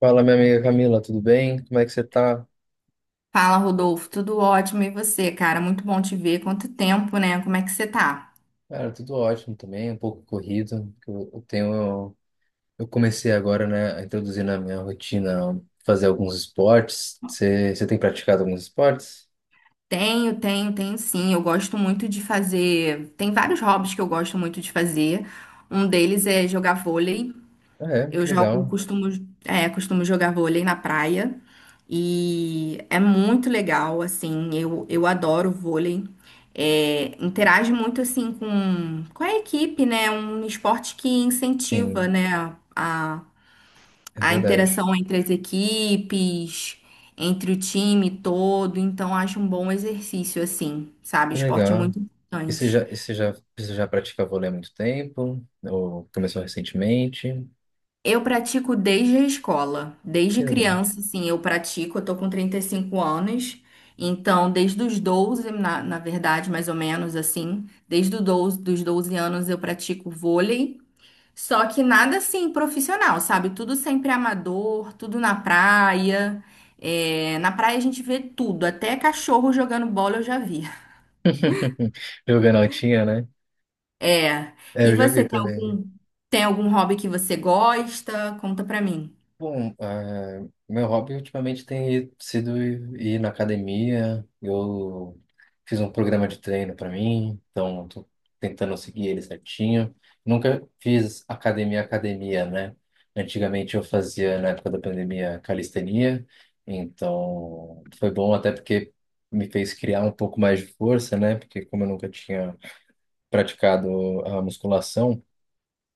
Fala, minha amiga Camila, tudo bem? Como é que você tá? Fala, Rodolfo, tudo ótimo. E você, cara? Muito bom te ver. Quanto tempo, né? Como é que você tá? Cara, tudo ótimo também, um pouco corrido. Que eu tenho, eu comecei agora, né, a introduzir na minha rotina fazer alguns esportes. Você tem praticado alguns esportes? Tenho, tenho, tenho, sim. Eu gosto muito de fazer. Tem vários hobbies que eu gosto muito de fazer. Um deles é jogar vôlei. Ah, é, Eu que jogo, legal. costumo jogar vôlei na praia. E é muito legal, assim. Eu adoro vôlei. É, interage muito, assim, com a equipe, né? Um esporte que incentiva, Sim, né? A, é a verdade. interação entre as equipes, entre o time todo, então acho um bom exercício, assim, sabe? Que Esporte é legal. muito E você já, importante. e você já, você já pratica vôlei há muito tempo? Ou começou recentemente? Eu pratico desde a escola, desde Que legal. criança, assim, eu tô com 35 anos, então desde os 12, na verdade, mais ou menos assim, desde os 12 dos 12 anos eu pratico vôlei. Só que nada assim profissional, sabe? Tudo sempre amador, tudo na praia. É, na praia a gente vê tudo, até cachorro jogando bola eu já vi. Jogando altinha, né? É. É, E eu já vi você tem também. algum, tem algum hobby que você gosta? Conta pra mim. Bom, meu hobby ultimamente tem sido ir na academia. Eu fiz um programa de treino para mim, então tô tentando seguir ele certinho. Nunca fiz academia, academia, né? Antigamente eu fazia, na época da pandemia, calistenia, então foi bom até porque me fez criar um pouco mais de força, né? Porque como eu nunca tinha praticado a musculação,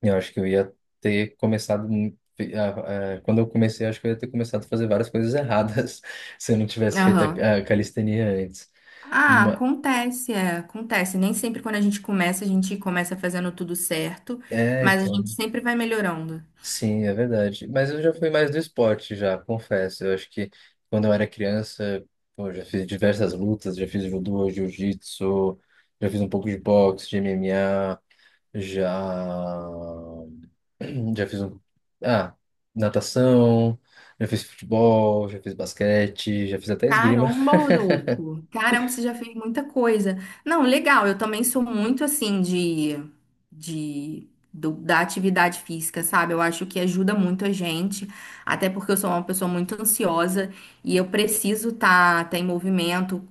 eu acho que eu ia ter começado. Quando eu comecei, eu acho que eu ia ter começado a fazer várias coisas erradas se eu não tivesse feito Aham. a calistenia antes. Ah, Ma- acontece, acontece. Nem sempre quando a gente começa fazendo tudo certo, É, mas a então. gente sempre vai melhorando. Sim, é verdade. Mas eu já fui mais do esporte, já, confesso. Eu acho que quando eu era criança, pô, eu já fiz diversas lutas, já fiz judô, jiu-jitsu, já fiz um pouco de boxe, de MMA, já. Já fiz um. Ah, natação, já fiz futebol, já fiz basquete, já fiz até esgrima. Caramba, Rodolfo. Caramba, você já fez muita coisa. Não, legal. Eu também sou muito assim de, de da atividade física, sabe? Eu acho que ajuda muito a gente, até porque eu sou uma pessoa muito ansiosa e eu preciso tá em movimento,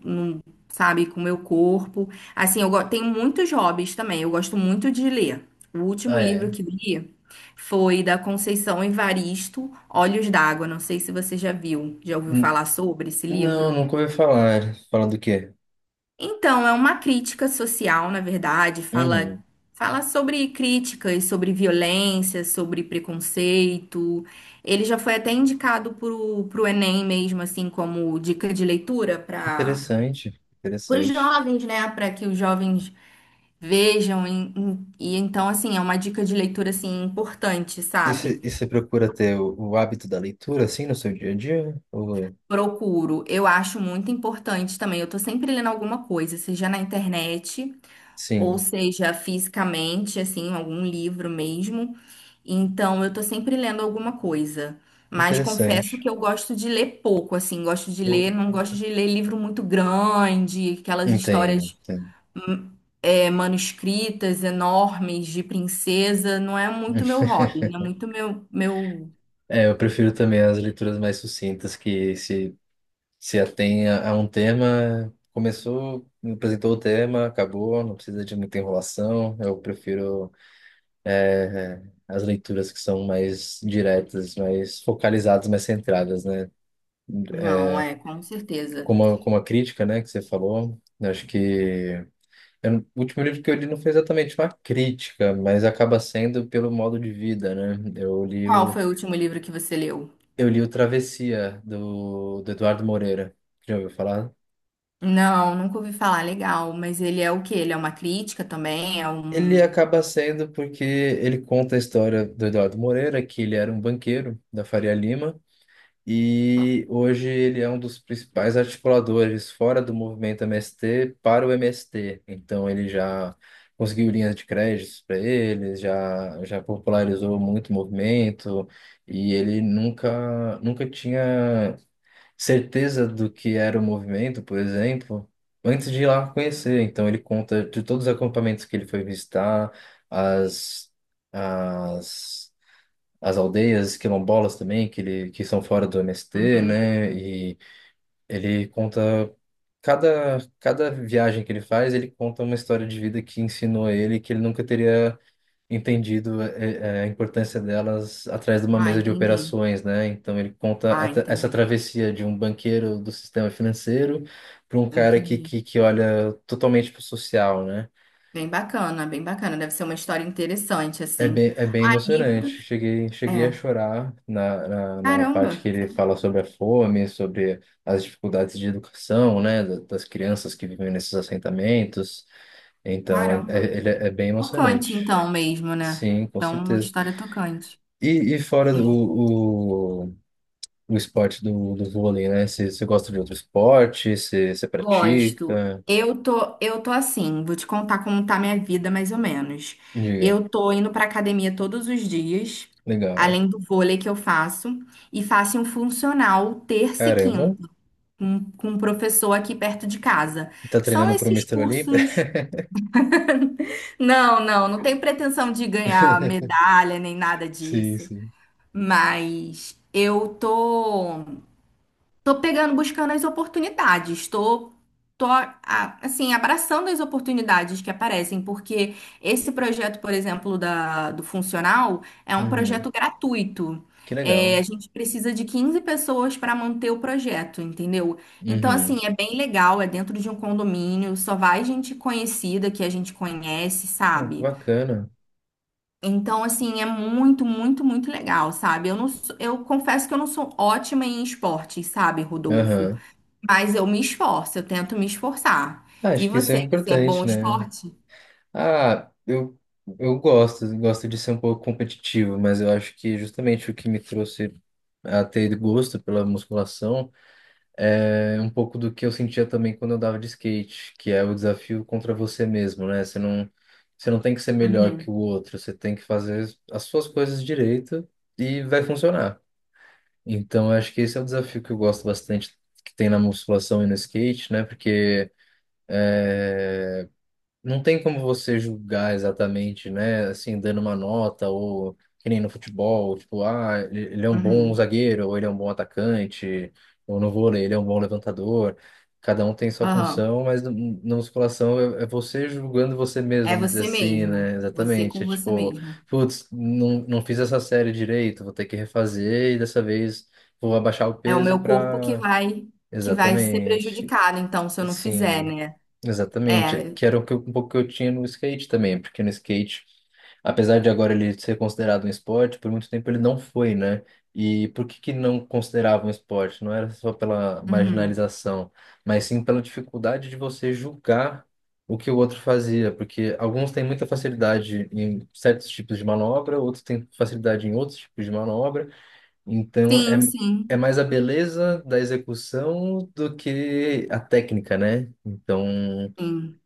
sabe, com o meu corpo. Assim, tenho muitos hobbies também. Eu gosto muito de ler. O último Ah, livro é. que eu li foi da Conceição Evaristo, Olhos d'Água. Não sei se você já viu, já ouviu N- falar sobre esse Não, livro. nunca ouvi falar. Falando do quê? Então, é uma crítica social, na verdade, fala, Uhum. fala sobre críticas, sobre violência, sobre preconceito. Ele já foi até indicado pro Enem mesmo, assim, como dica de leitura para Interessante, os interessante. jovens, né? Para que os jovens vejam. E então, assim, é uma dica de leitura, assim, importante, E sabe? você procura ter o hábito da leitura, assim, no seu dia a dia? Ou. Procuro. Eu acho muito importante também. Eu tô sempre lendo alguma coisa, seja na internet, ou Sim, seja, fisicamente, assim, algum livro mesmo. Então, eu tô sempre lendo alguma coisa. Mas confesso interessante. que eu gosto de ler pouco, assim, gosto de ler, não gosto de ler livro muito grande, aquelas Entendo, histórias entendo. hum, manuscritas enormes de princesa, não é muito meu hobby, não é muito meu. É, eu prefiro também as leituras mais sucintas que se atém a um tema, começou, apresentou o tema, acabou, não precisa de muita enrolação. Eu prefiro as leituras que são mais diretas, mais focalizadas, mais centradas, né? É, Não, é, com certeza. como a crítica, né, que você falou, eu acho que eu, não- o último livro que eu li não foi exatamente uma crítica, mas acaba sendo pelo modo de vida, né? Eu li Qual o, foi o último livro que você leu? eu li o Travessia, do Eduardo Moreira. Já ouviu falar? Não, nunca ouvi falar, legal, mas ele é o quê? Ele é uma crítica também? É Ele um. acaba sendo porque ele conta a história do Eduardo Moreira, que ele era um banqueiro da Faria Lima e hoje ele é um dos principais articuladores fora do movimento MST para o MST. Então ele já conseguiu linhas de créditos para eles, já popularizou muito o movimento e ele nunca tinha certeza do que era o movimento, por exemplo, antes de ir lá conhecer. Então, ele conta de todos os acampamentos que ele foi visitar, as, as, as aldeias quilombolas também, que são fora do MST, Uhum. né? E ele conta. Cada viagem que ele faz, ele conta uma história de vida que ensinou ele que ele nunca teria entendido a importância delas atrás de uma Ah, mesa de entendi. operações, né? Então ele conta Ah, essa entendi. travessia de um banqueiro do sistema financeiro para um cara que, Entendi. que, que olha totalmente para o social, né? Bem bacana, bem bacana. Deve ser uma história interessante, É assim. bem, é bem Ah, emocionante. livros. Cheguei a É. chorar na parte que Caramba, ele fala sobre a fome, sobre as dificuldades de educação, né? Das crianças que vivem nesses assentamentos. Então, caramba. Ele é bem Tocante, emocionante. então, mesmo, né? Sim, com Então, uma certeza. história tocante. E fora É. do, o esporte do vôlei, né? Você gosta de outro esporte? Você Gosto. pratica? Eu tô assim, vou te contar como tá minha vida, mais ou menos. Diga. Eu tô indo pra academia todos os dias, Legal. além do vôlei que eu faço, e faço um funcional terça e Caramba. quinta, com um professor aqui perto de casa. Tá São treinando pro esses Mister Olímpia? cursos. Não, não, não tenho pretensão de ganhar medalha nem nada Sim, disso. sim. Mas eu tô. Tô pegando, buscando as oportunidades. Tô assim, abraçando as oportunidades que aparecem, porque esse projeto, por exemplo, do funcional, é um Uhum. projeto gratuito. Que É, legal. a gente precisa de 15 pessoas para manter o projeto, entendeu? Então, Uhum. assim, é bem legal, é dentro de um condomínio, só vai gente conhecida que a gente conhece, Pô, que sabe? bacana. Então, assim, é muito, muito, muito legal, sabe? Eu confesso que eu não sou ótima em esportes, sabe, Rodolfo? Aham. Mas eu me esforço, eu tento me esforçar. Ah, E acho que isso é você, você é bom importante, em né? esporte? Ah, eu gosto de ser um pouco competitivo, mas eu acho que justamente o que me trouxe a ter gosto pela musculação. É um pouco do que eu sentia também quando eu dava de skate, que é o desafio contra você mesmo, né? Você não tem que ser melhor que o Uhum, outro, você tem que fazer as suas coisas direito e vai funcionar. Então, eu acho que esse é o desafio que eu gosto bastante que tem na musculação e no skate, né? Porque é, não tem como você julgar exatamente, né? Assim, dando uma nota ou que nem no futebol, tipo, ah, ele é um bom uhum, zagueiro, ou ele é um bom atacante, ou no vôlei, ele é um bom levantador. Cada um tem sua aham. função, mas na musculação é você julgando você mesmo, É vamos dizer você assim, mesmo, né? você Exatamente. É com você tipo, mesmo. putz, não fiz essa série direito, vou ter que refazer e dessa vez vou abaixar o É o peso meu corpo que para. vai que vai ser Exatamente. prejudicado, então, se eu não fizer, Sim. né? Exatamente, É, que era o que um pouco que eu tinha no skate também, porque no skate, apesar de agora ele ser considerado um esporte, por muito tempo ele não foi, né? E por que que não considerava um esporte? Não era só pela uhum. marginalização, mas sim pela dificuldade de você julgar o que o outro fazia, porque alguns têm muita facilidade em certos tipos de manobra, outros têm facilidade em outros tipos de manobra, então é Sim, É sim, mais a beleza da execução do que a técnica, né? Então, sim.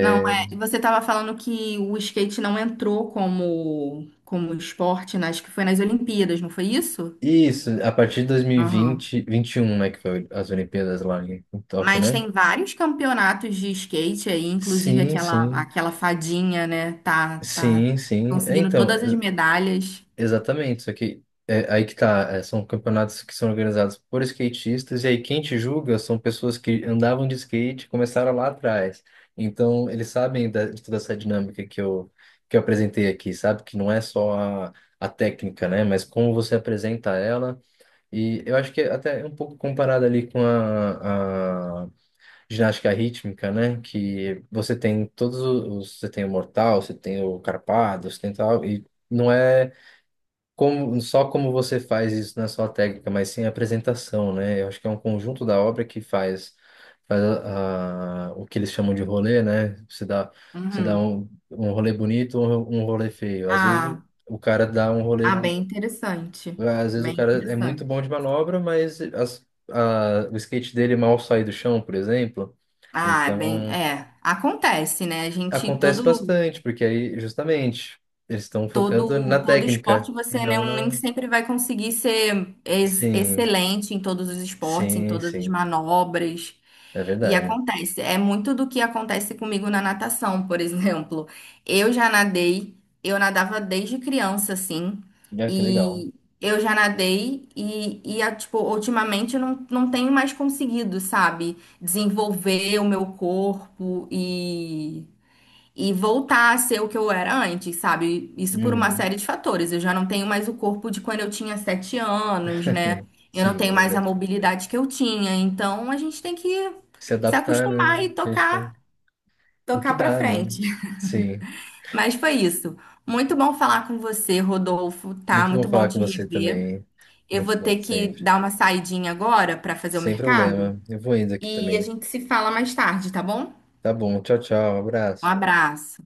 Não, é, você estava falando que o skate não entrou como esporte, né? Acho que foi nas Olimpíadas, não foi isso? e isso, a partir de dois mil e Aham. vinte, vinte e um, né, que foi as Olimpíadas lá em Tóquio, Mas né? tem vários campeonatos de skate aí, inclusive Sim, aquela, sim. aquela fadinha, né? Tá Sim, sim. É, conseguindo então, todas as medalhas. exatamente. Só que é aí que tá. São campeonatos que são organizados por skatistas, e aí quem te julga são pessoas que andavam de skate e começaram lá atrás. Então, eles sabem de toda essa dinâmica que eu apresentei aqui, sabe? Que não é só a, a técnica, né? Mas como você apresenta ela. E eu acho que é até um pouco comparado ali com a ginástica rítmica, né? Que você tem você tem o mortal, você tem o carpado, você tem tal, e não é como, só como você faz isso na sua técnica, mas sim a apresentação, né? Eu acho que é um conjunto da obra que faz o que eles chamam de rolê, né? Você dá Uhum. um rolê bonito ou um rolê feio. Às vezes Ah, o cara dá um rolê. ah, bem interessante. Às vezes o Bem cara é muito bom interessante. de manobra, mas o skate dele mal sai do chão, por exemplo. Ah, Então, acontece, né? A gente acontece todo. bastante, porque aí, justamente, eles estão focando Todo, na todo esporte, técnica e você, né, não um nem na. sempre vai conseguir ser Sim, excelente em todos os esportes, em sim, todas as sim. manobras. É E verdade. acontece, é muito do que acontece comigo na natação, por exemplo. Eu já nadei, eu nadava desde criança, assim, Ah, que legal. e eu já nadei e tipo, ultimamente eu não tenho mais conseguido, sabe, desenvolver o meu corpo e voltar a ser o que eu era antes, sabe? Isso por uma Uhum. série de fatores. Eu já não tenho mais o corpo de quando eu tinha 7 anos, né? Eu não Sim, é tenho mais a verdade. mobilidade que eu tinha. Então a gente tem que Se se adaptar, acostumar né? e A gente vai. tocar, O que tocar para dá, né? frente. Sim. Mas foi isso. Muito bom falar com você, Rodolfo, tá? Muito bom Muito bom falar com te você rever. também. Eu Muito vou bom, ter que sempre. dar uma saidinha agora para fazer o Sem mercado problema. Eu vou indo aqui e a também. gente se fala mais tarde, tá bom? Tá bom, tchau, tchau, Um abraço. abraço.